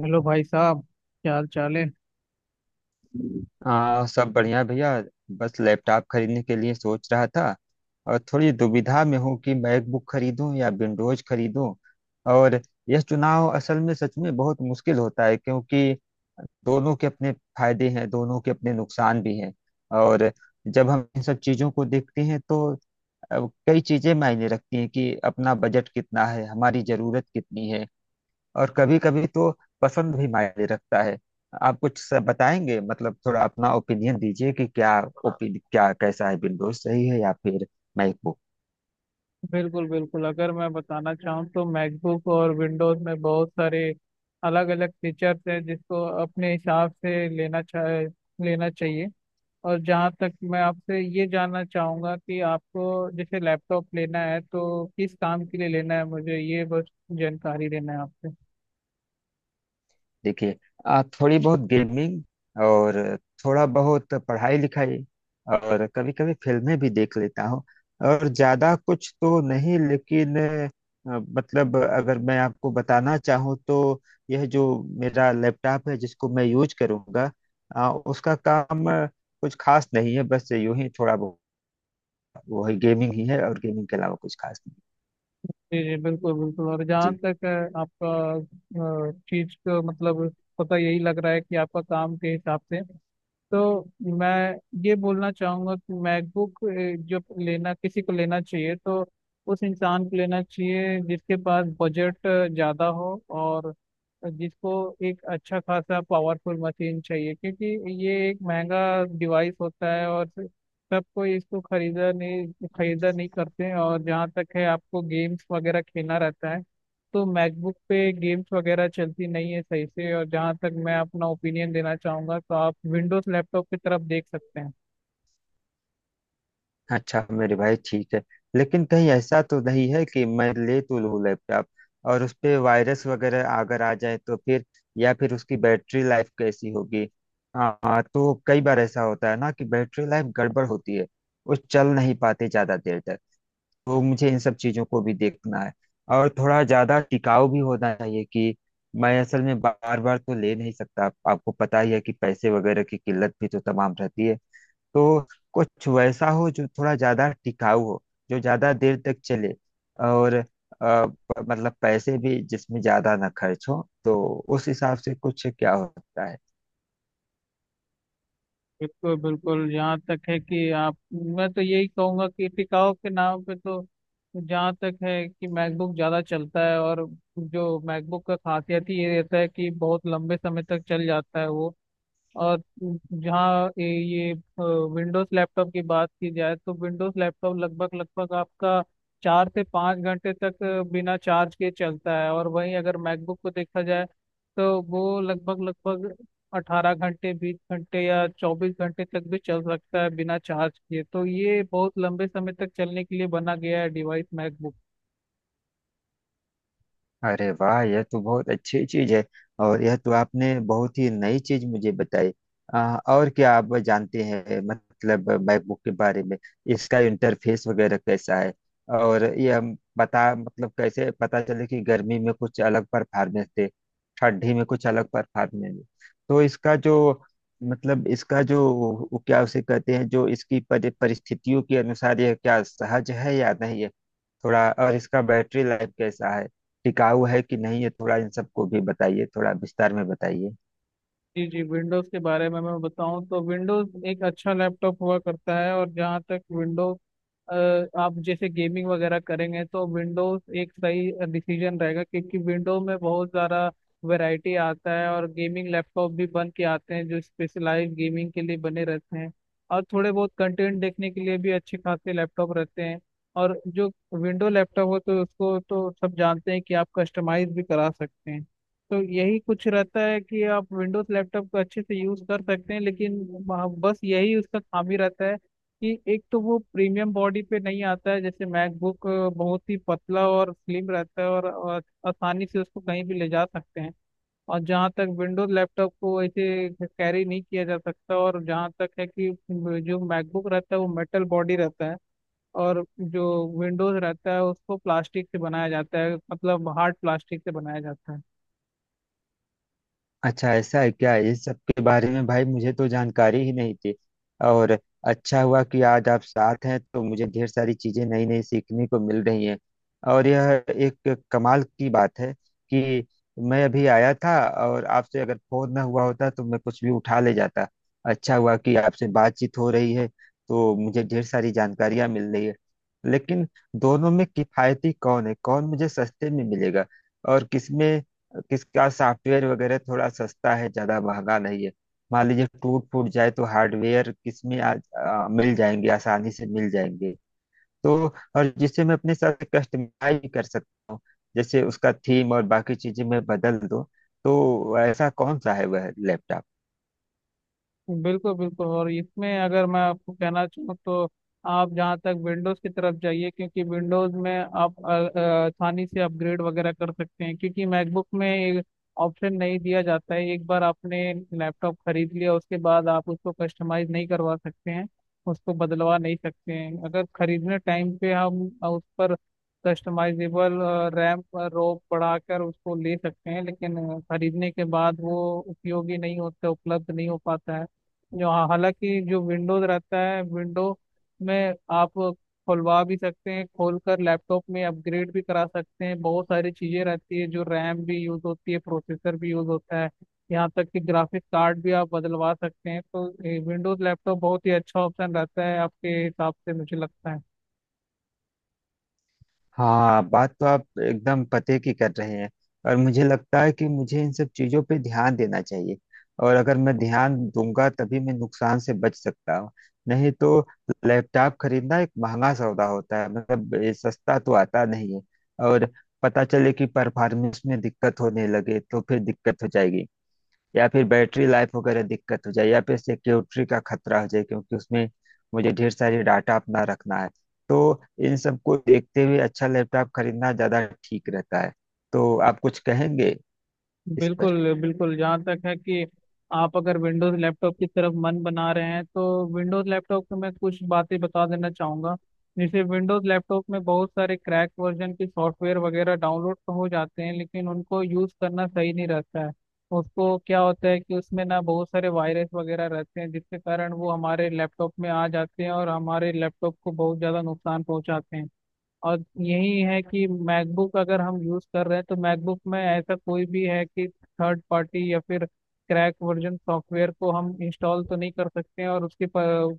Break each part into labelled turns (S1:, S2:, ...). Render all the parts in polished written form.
S1: Hello भाई साहब, क्या हाल चाल है।
S2: सब बढ़िया भैया। बस लैपटॉप खरीदने के लिए सोच रहा था और थोड़ी दुविधा में हूँ कि मैकबुक खरीदूं या विंडोज खरीदूं। और यह चुनाव असल में सच में बहुत मुश्किल होता है क्योंकि दोनों के अपने फायदे हैं, दोनों के अपने नुकसान भी हैं। और जब हम इन सब चीज़ों को देखते हैं तो अ, कई चीज़ें मायने रखती हैं कि अपना बजट कितना है, हमारी ज़रूरत कितनी है। और कभी कभी तो पसंद भी मायने रखता है। आप कुछ बताएंगे, मतलब थोड़ा अपना ओपिनियन दीजिए कि क्या ओपिन क्या कैसा है, विंडोज सही है या फिर मैकबुक।
S1: बिल्कुल बिल्कुल, अगर मैं बताना चाहूँ तो मैकबुक और विंडोज में बहुत सारे अलग अलग फीचर्स हैं जिसको अपने हिसाब से लेना चाहिए। और जहाँ तक मैं आपसे ये जानना चाहूँगा कि आपको जैसे लैपटॉप लेना है तो किस काम के लिए लेना है, मुझे ये बस जानकारी लेना है आपसे।
S2: देखिए, आप थोड़ी बहुत गेमिंग और थोड़ा बहुत पढ़ाई लिखाई और कभी कभी फिल्में भी देख लेता हूँ। और ज्यादा कुछ तो नहीं लेकिन मतलब अगर मैं आपको बताना चाहूँ तो यह जो मेरा लैपटॉप है जिसको मैं यूज करूँगा उसका काम कुछ खास नहीं है, बस यूं ही थोड़ा बहुत वही गेमिंग ही है। और गेमिंग के अलावा कुछ खास नहीं।
S1: जी जी बिल्कुल बिल्कुल। और जहाँ
S2: जी,
S1: तक आपका चीज को मतलब पता यही लग रहा है कि आपका काम के हिसाब से तो मैं ये बोलना चाहूंगा कि मैकबुक जो लेना किसी को लेना चाहिए तो उस इंसान को लेना चाहिए जिसके पास बजट ज़्यादा हो और जिसको एक अच्छा खासा पावरफुल मशीन चाहिए, क्योंकि ये एक महंगा डिवाइस होता है और सब कोई इसको खरीदा नहीं करते हैं। और जहाँ तक है आपको गेम्स वगैरह खेलना रहता है, तो मैकबुक पे गेम्स वगैरह चलती नहीं है सही से, और जहाँ तक मैं अपना ओपिनियन देना चाहूंगा तो आप विंडोज लैपटॉप की तरफ देख सकते हैं।
S2: अच्छा मेरे भाई ठीक है। लेकिन कहीं ऐसा तो नहीं है कि मैं ले तो लूँ लैपटॉप और उस पे वायरस वगैरह अगर आ जाए तो फिर? या फिर उसकी बैटरी लाइफ कैसी होगी? हाँ, तो कई बार ऐसा होता है ना कि बैटरी लाइफ गड़बड़ होती है, वो चल नहीं पाते ज़्यादा देर तक। तो मुझे इन सब चीज़ों को भी देखना है। और थोड़ा ज़्यादा टिकाऊ भी होना चाहिए कि मैं असल में बार बार तो ले नहीं सकता, आपको पता ही है कि पैसे वगैरह की किल्लत भी तो तमाम रहती है। तो कुछ वैसा हो जो थोड़ा ज्यादा टिकाऊ हो, जो ज्यादा देर तक चले। और अ, मतलब पैसे भी जिसमें ज्यादा ना खर्च हो, तो उस हिसाब से कुछ क्या होता है?
S1: बिल्कुल बिल्कुल, यहाँ तक है कि आप, मैं तो यही कहूंगा कि टिकाऊ के नाम पे तो जहाँ तक है कि मैकबुक ज़्यादा चलता है, और जो मैकबुक का खासियत ही ये रहता है कि बहुत लंबे समय तक चल जाता है वो। और जहाँ ये विंडोज लैपटॉप की बात की जाए तो विंडोज लैपटॉप लगभग लगभग आपका 4 से 5 घंटे तक बिना चार्ज के चलता है, और वहीं अगर मैकबुक को देखा जाए तो वो लगभग लगभग 18 घंटे, 20 घंटे या 24 घंटे तक भी चल सकता है बिना चार्ज किए। तो ये बहुत लंबे समय तक चलने के लिए बना गया है डिवाइस मैकबुक।
S2: अरे वाह, यह तो बहुत अच्छी चीज है। और यह तो आपने बहुत ही नई चीज मुझे बताई। और क्या आप जानते हैं, मतलब मैकबुक के बारे में, इसका इंटरफेस वगैरह कैसा है? और यह बता, मतलब कैसे पता चले कि गर्मी में कुछ अलग परफॉर्मेंस दे, ठंडी में कुछ अलग परफॉर्मेंस दे। तो इसका जो, मतलब इसका जो वो क्या उसे कहते हैं, जो इसकी परिस्थितियों के अनुसार यह क्या सहज है या नहीं है। थोड़ा और इसका बैटरी लाइफ कैसा है, टिकाऊ है कि नहीं, ये थोड़ा इन सबको भी बताइए, थोड़ा विस्तार में बताइए।
S1: जी जी, विंडोज के बारे में मैं बताऊं तो विंडोज एक अच्छा लैपटॉप हुआ करता है। और जहाँ तक विंडोज, आप जैसे गेमिंग वगैरह करेंगे तो विंडोज एक सही डिसीजन रहेगा, क्योंकि विंडो में बहुत ज़्यादा वैरायटी आता है और गेमिंग लैपटॉप भी बन के आते हैं जो स्पेशलाइज गेमिंग के लिए बने रहते हैं, और थोड़े बहुत कंटेंट देखने के लिए भी अच्छे खासे लैपटॉप रहते हैं। और जो विंडो लैपटॉप हो तो उसको तो सब जानते हैं कि आप कस्टमाइज भी करा सकते हैं। तो यही कुछ रहता है कि आप विंडोज लैपटॉप को अच्छे से यूज़ कर सकते हैं, लेकिन बस यही उसका खामी रहता है कि एक तो वो प्रीमियम बॉडी पे नहीं आता है। जैसे मैकबुक बहुत ही पतला और स्लिम रहता है, और आसानी से उसको कहीं भी ले जा सकते हैं, और जहाँ तक विंडोज लैपटॉप को ऐसे कैरी नहीं किया जा सकता। और जहाँ तक है कि जो मैकबुक रहता है वो मेटल बॉडी रहता है, और जो विंडोज रहता है उसको प्लास्टिक से बनाया जाता है, मतलब हार्ड प्लास्टिक से बनाया जाता है।
S2: अच्छा, ऐसा है क्या? इस सब के बारे में भाई मुझे तो जानकारी ही नहीं थी। और अच्छा हुआ कि आज आप साथ हैं तो मुझे ढेर सारी चीजें नई नई सीखने को मिल रही हैं। और यह एक कमाल की बात है कि मैं अभी आया था और आपसे अगर फोन ना हुआ होता तो मैं कुछ भी उठा ले जाता। अच्छा हुआ कि आपसे बातचीत हो रही है तो मुझे ढेर सारी जानकारियां मिल रही है। लेकिन दोनों में किफायती कौन है, कौन मुझे सस्ते में मिलेगा? और किसमें, किसका सॉफ्टवेयर वगैरह थोड़ा सस्ता है, ज्यादा महंगा नहीं है? मान लीजिए टूट फूट जाए तो हार्डवेयर किसमें आ, आ, मिल जाएंगे, आसानी से मिल जाएंगे? तो, और जिससे मैं अपने साथ कस्टमाइज भी कर सकता हूँ, जैसे उसका थीम और बाकी चीजें मैं बदल दूँ, तो ऐसा कौन सा है वह लैपटॉप?
S1: बिल्कुल बिल्कुल, और इसमें अगर मैं आपको कहना चाहूँ तो आप जहाँ तक विंडोज़ की तरफ जाइए, क्योंकि विंडोज़ में आप आसानी से अपग्रेड वगैरह कर सकते हैं, क्योंकि मैकबुक में ऑप्शन नहीं दिया जाता है। एक बार आपने लैपटॉप खरीद लिया उसके बाद आप उसको कस्टमाइज नहीं करवा सकते हैं, उसको बदलवा नहीं सकते हैं। अगर खरीदने टाइम पे हम उस पर कस्टमाइजेबल रैम, रोम बढ़ाकर उसको ले सकते हैं, लेकिन खरीदने के बाद वो उपयोगी नहीं होता, उपलब्ध नहीं हो पाता है। जो हाँ, हालांकि जो विंडोज रहता है, विंडो में आप खुलवा भी सकते हैं, खोलकर लैपटॉप में अपग्रेड भी करा सकते हैं। बहुत सारी चीजें रहती है जो रैम भी यूज होती है, प्रोसेसर भी यूज होता है, यहाँ तक कि ग्राफिक कार्ड भी आप बदलवा सकते हैं। तो विंडोज लैपटॉप बहुत ही अच्छा ऑप्शन रहता है आपके हिसाब से, मुझे लगता है।
S2: हाँ, बात तो आप एकदम पते की कर रहे हैं। और मुझे लगता है कि मुझे इन सब चीजों पे ध्यान देना चाहिए, और अगर मैं ध्यान दूंगा तभी मैं नुकसान से बच सकता हूँ। नहीं तो लैपटॉप खरीदना एक महंगा सौदा होता है, मतलब ये सस्ता तो आता नहीं है। और पता चले कि परफॉर्मेंस में दिक्कत होने लगे तो फिर दिक्कत हो जाएगी, या फिर बैटरी लाइफ वगैरह दिक्कत हो जाए, या फिर सिक्योरिटी का खतरा हो जाए, क्योंकि उसमें मुझे ढेर सारी डाटा अपना रखना है। तो इन सबको देखते हुए अच्छा लैपटॉप खरीदना ज़्यादा ठीक रहता है। तो आप कुछ कहेंगे इस पर?
S1: बिल्कुल बिल्कुल, जहाँ तक है कि आप अगर विंडोज लैपटॉप की तरफ मन बना रहे हैं तो विंडोज लैपटॉप को मैं कुछ बातें बता देना चाहूँगा। जैसे विंडोज लैपटॉप में बहुत सारे क्रैक वर्जन के सॉफ्टवेयर वगैरह डाउनलोड तो हो जाते हैं, लेकिन उनको यूज़ करना सही नहीं रहता है। उसको क्या होता है कि उसमें ना बहुत सारे वायरस वगैरह रहते हैं, जिसके कारण वो हमारे लैपटॉप में आ जाते हैं और हमारे लैपटॉप को बहुत ज़्यादा नुकसान पहुंचाते हैं। और यही है कि मैकबुक अगर हम यूज कर रहे हैं तो मैकबुक में ऐसा कोई भी है कि थर्ड पार्टी या फिर क्रैक वर्जन सॉफ्टवेयर को हम इंस्टॉल तो नहीं कर सकते हैं, और उसकी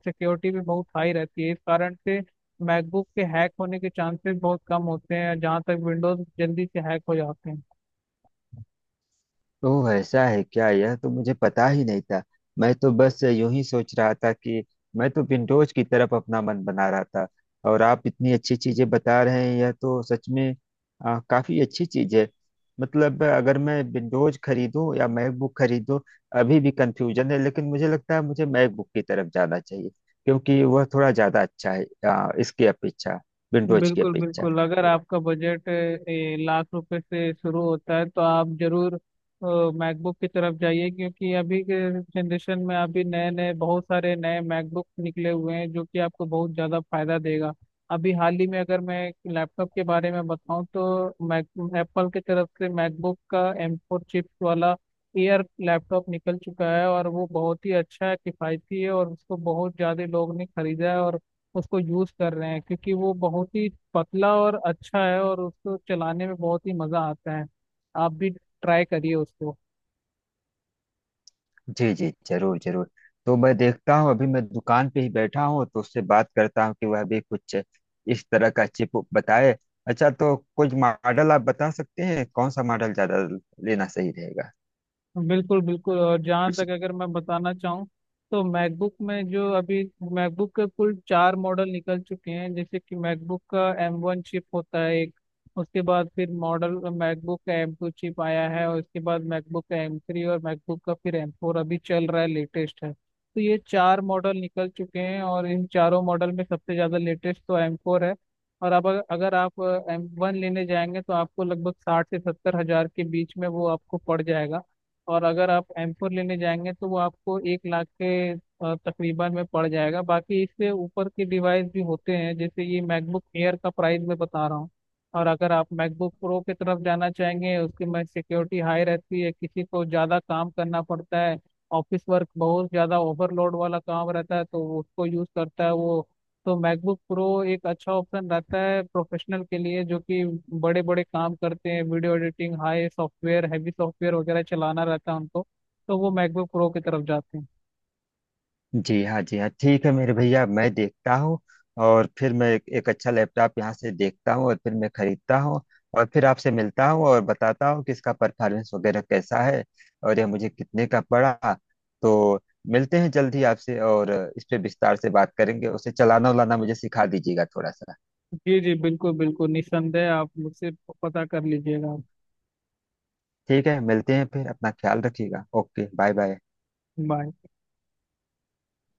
S1: सिक्योरिटी भी बहुत हाई रहती है। इस कारण से मैकबुक के हैक होने के चांसेस बहुत कम होते हैं, जहाँ तक विंडोज जल्दी से हैक हो जाते हैं।
S2: तो ऐसा है क्या? यह तो मुझे पता ही नहीं था। मैं तो बस यूं ही सोच रहा था कि मैं तो विंडोज की तरफ अपना मन बना रहा था, और आप इतनी अच्छी चीजें बता रहे हैं, यह तो सच में काफी अच्छी चीज है। मतलब अगर मैं विंडोज खरीदूं या मैकबुक खरीदूं, अभी भी कंफ्यूजन है, लेकिन मुझे लगता है मुझे मैकबुक की तरफ जाना चाहिए, क्योंकि वह थोड़ा ज्यादा अच्छा है इसकी अपेक्षा, विंडोज की
S1: बिल्कुल
S2: अपेक्षा।
S1: बिल्कुल, अगर आपका बजट लाख रुपए से शुरू होता है तो आप जरूर मैकबुक की तरफ जाइए, क्योंकि अभी के जनरेशन में अभी नए नए बहुत सारे नए मैकबुक निकले हुए हैं जो कि आपको बहुत ज़्यादा फायदा देगा। अभी हाल ही में अगर मैं लैपटॉप के बारे में बताऊं तो मैक एप्पल की तरफ से मैकबुक का M4 चिप्स वाला एयर लैपटॉप निकल चुका है, और वो बहुत ही अच्छा है, किफ़ायती है, और उसको बहुत ज़्यादा लोग ने खरीदा है और उसको यूज कर रहे हैं, क्योंकि वो बहुत ही पतला और अच्छा है और उसको चलाने में बहुत ही मजा आता है। आप भी ट्राई करिए उसको।
S2: जी जी, जरूर जरूर। तो मैं देखता हूँ, अभी मैं दुकान पे ही बैठा हूँ तो उससे बात करता हूँ कि वह भी कुछ इस तरह का चिप बताए। अच्छा, तो कुछ मॉडल आप बता सकते हैं, कौन सा मॉडल ज्यादा लेना सही रहेगा?
S1: बिल्कुल बिल्कुल, और जहाँ
S2: कुछ?
S1: तक अगर मैं बताना चाहूँ तो मैकबुक में जो अभी मैकबुक के कुल चार मॉडल निकल चुके हैं। जैसे कि मैकबुक का M1 चिप होता है एक, उसके बाद फिर मॉडल मैकबुक का M2 चिप आया है, और उसके बाद मैकबुक का M3, और मैकबुक का फिर M4 अभी चल रहा है, लेटेस्ट है। तो ये चार मॉडल निकल चुके हैं और इन चारों मॉडल में सबसे ज़्यादा लेटेस्ट तो M4 है। और अब अगर अगर आप M1 लेने जाएंगे तो आपको लगभग 60 से 70 हज़ार के बीच में वो आपको पड़ जाएगा, और अगर आप M4 लेने जाएंगे तो वो आपको 1 लाख के तकरीबन में पड़ जाएगा। बाकी इससे ऊपर के डिवाइस भी होते हैं, जैसे ये मैकबुक एयर का प्राइस मैं बता रहा हूँ। और अगर आप मैकबुक प्रो की तरफ जाना चाहेंगे, उसकी में सिक्योरिटी हाई रहती है, किसी को ज़्यादा काम करना पड़ता है, ऑफिस वर्क बहुत ज़्यादा ओवरलोड वाला काम रहता है तो उसको यूज़ करता है वो। तो मैकबुक प्रो एक अच्छा ऑप्शन रहता है प्रोफेशनल के लिए, जो कि बड़े बड़े काम करते हैं, video editing, high software, heavy software वगैरह चलाना रहता है उनको, तो वो मैकबुक प्रो की तरफ जाते हैं।
S2: जी हाँ, जी हाँ, ठीक है मेरे भैया, मैं देखता हूँ। और फिर मैं एक अच्छा लैपटॉप यहाँ से देखता हूँ और फिर मैं खरीदता हूँ। और फिर आपसे मिलता हूँ और बताता हूँ कि इसका परफॉर्मेंस वगैरह कैसा है, और यह मुझे कितने का पड़ा। तो मिलते हैं जल्द ही आपसे, और इस पे विस्तार से बात करेंगे। उसे चलाना उलाना मुझे सिखा दीजिएगा थोड़ा सा।
S1: जी जी बिल्कुल बिल्कुल, निस्संदेह आप मुझसे पता कर लीजिएगा।
S2: ठीक है, मिलते हैं फिर, अपना ख्याल रखिएगा। Okay, bye bye.
S1: बाय।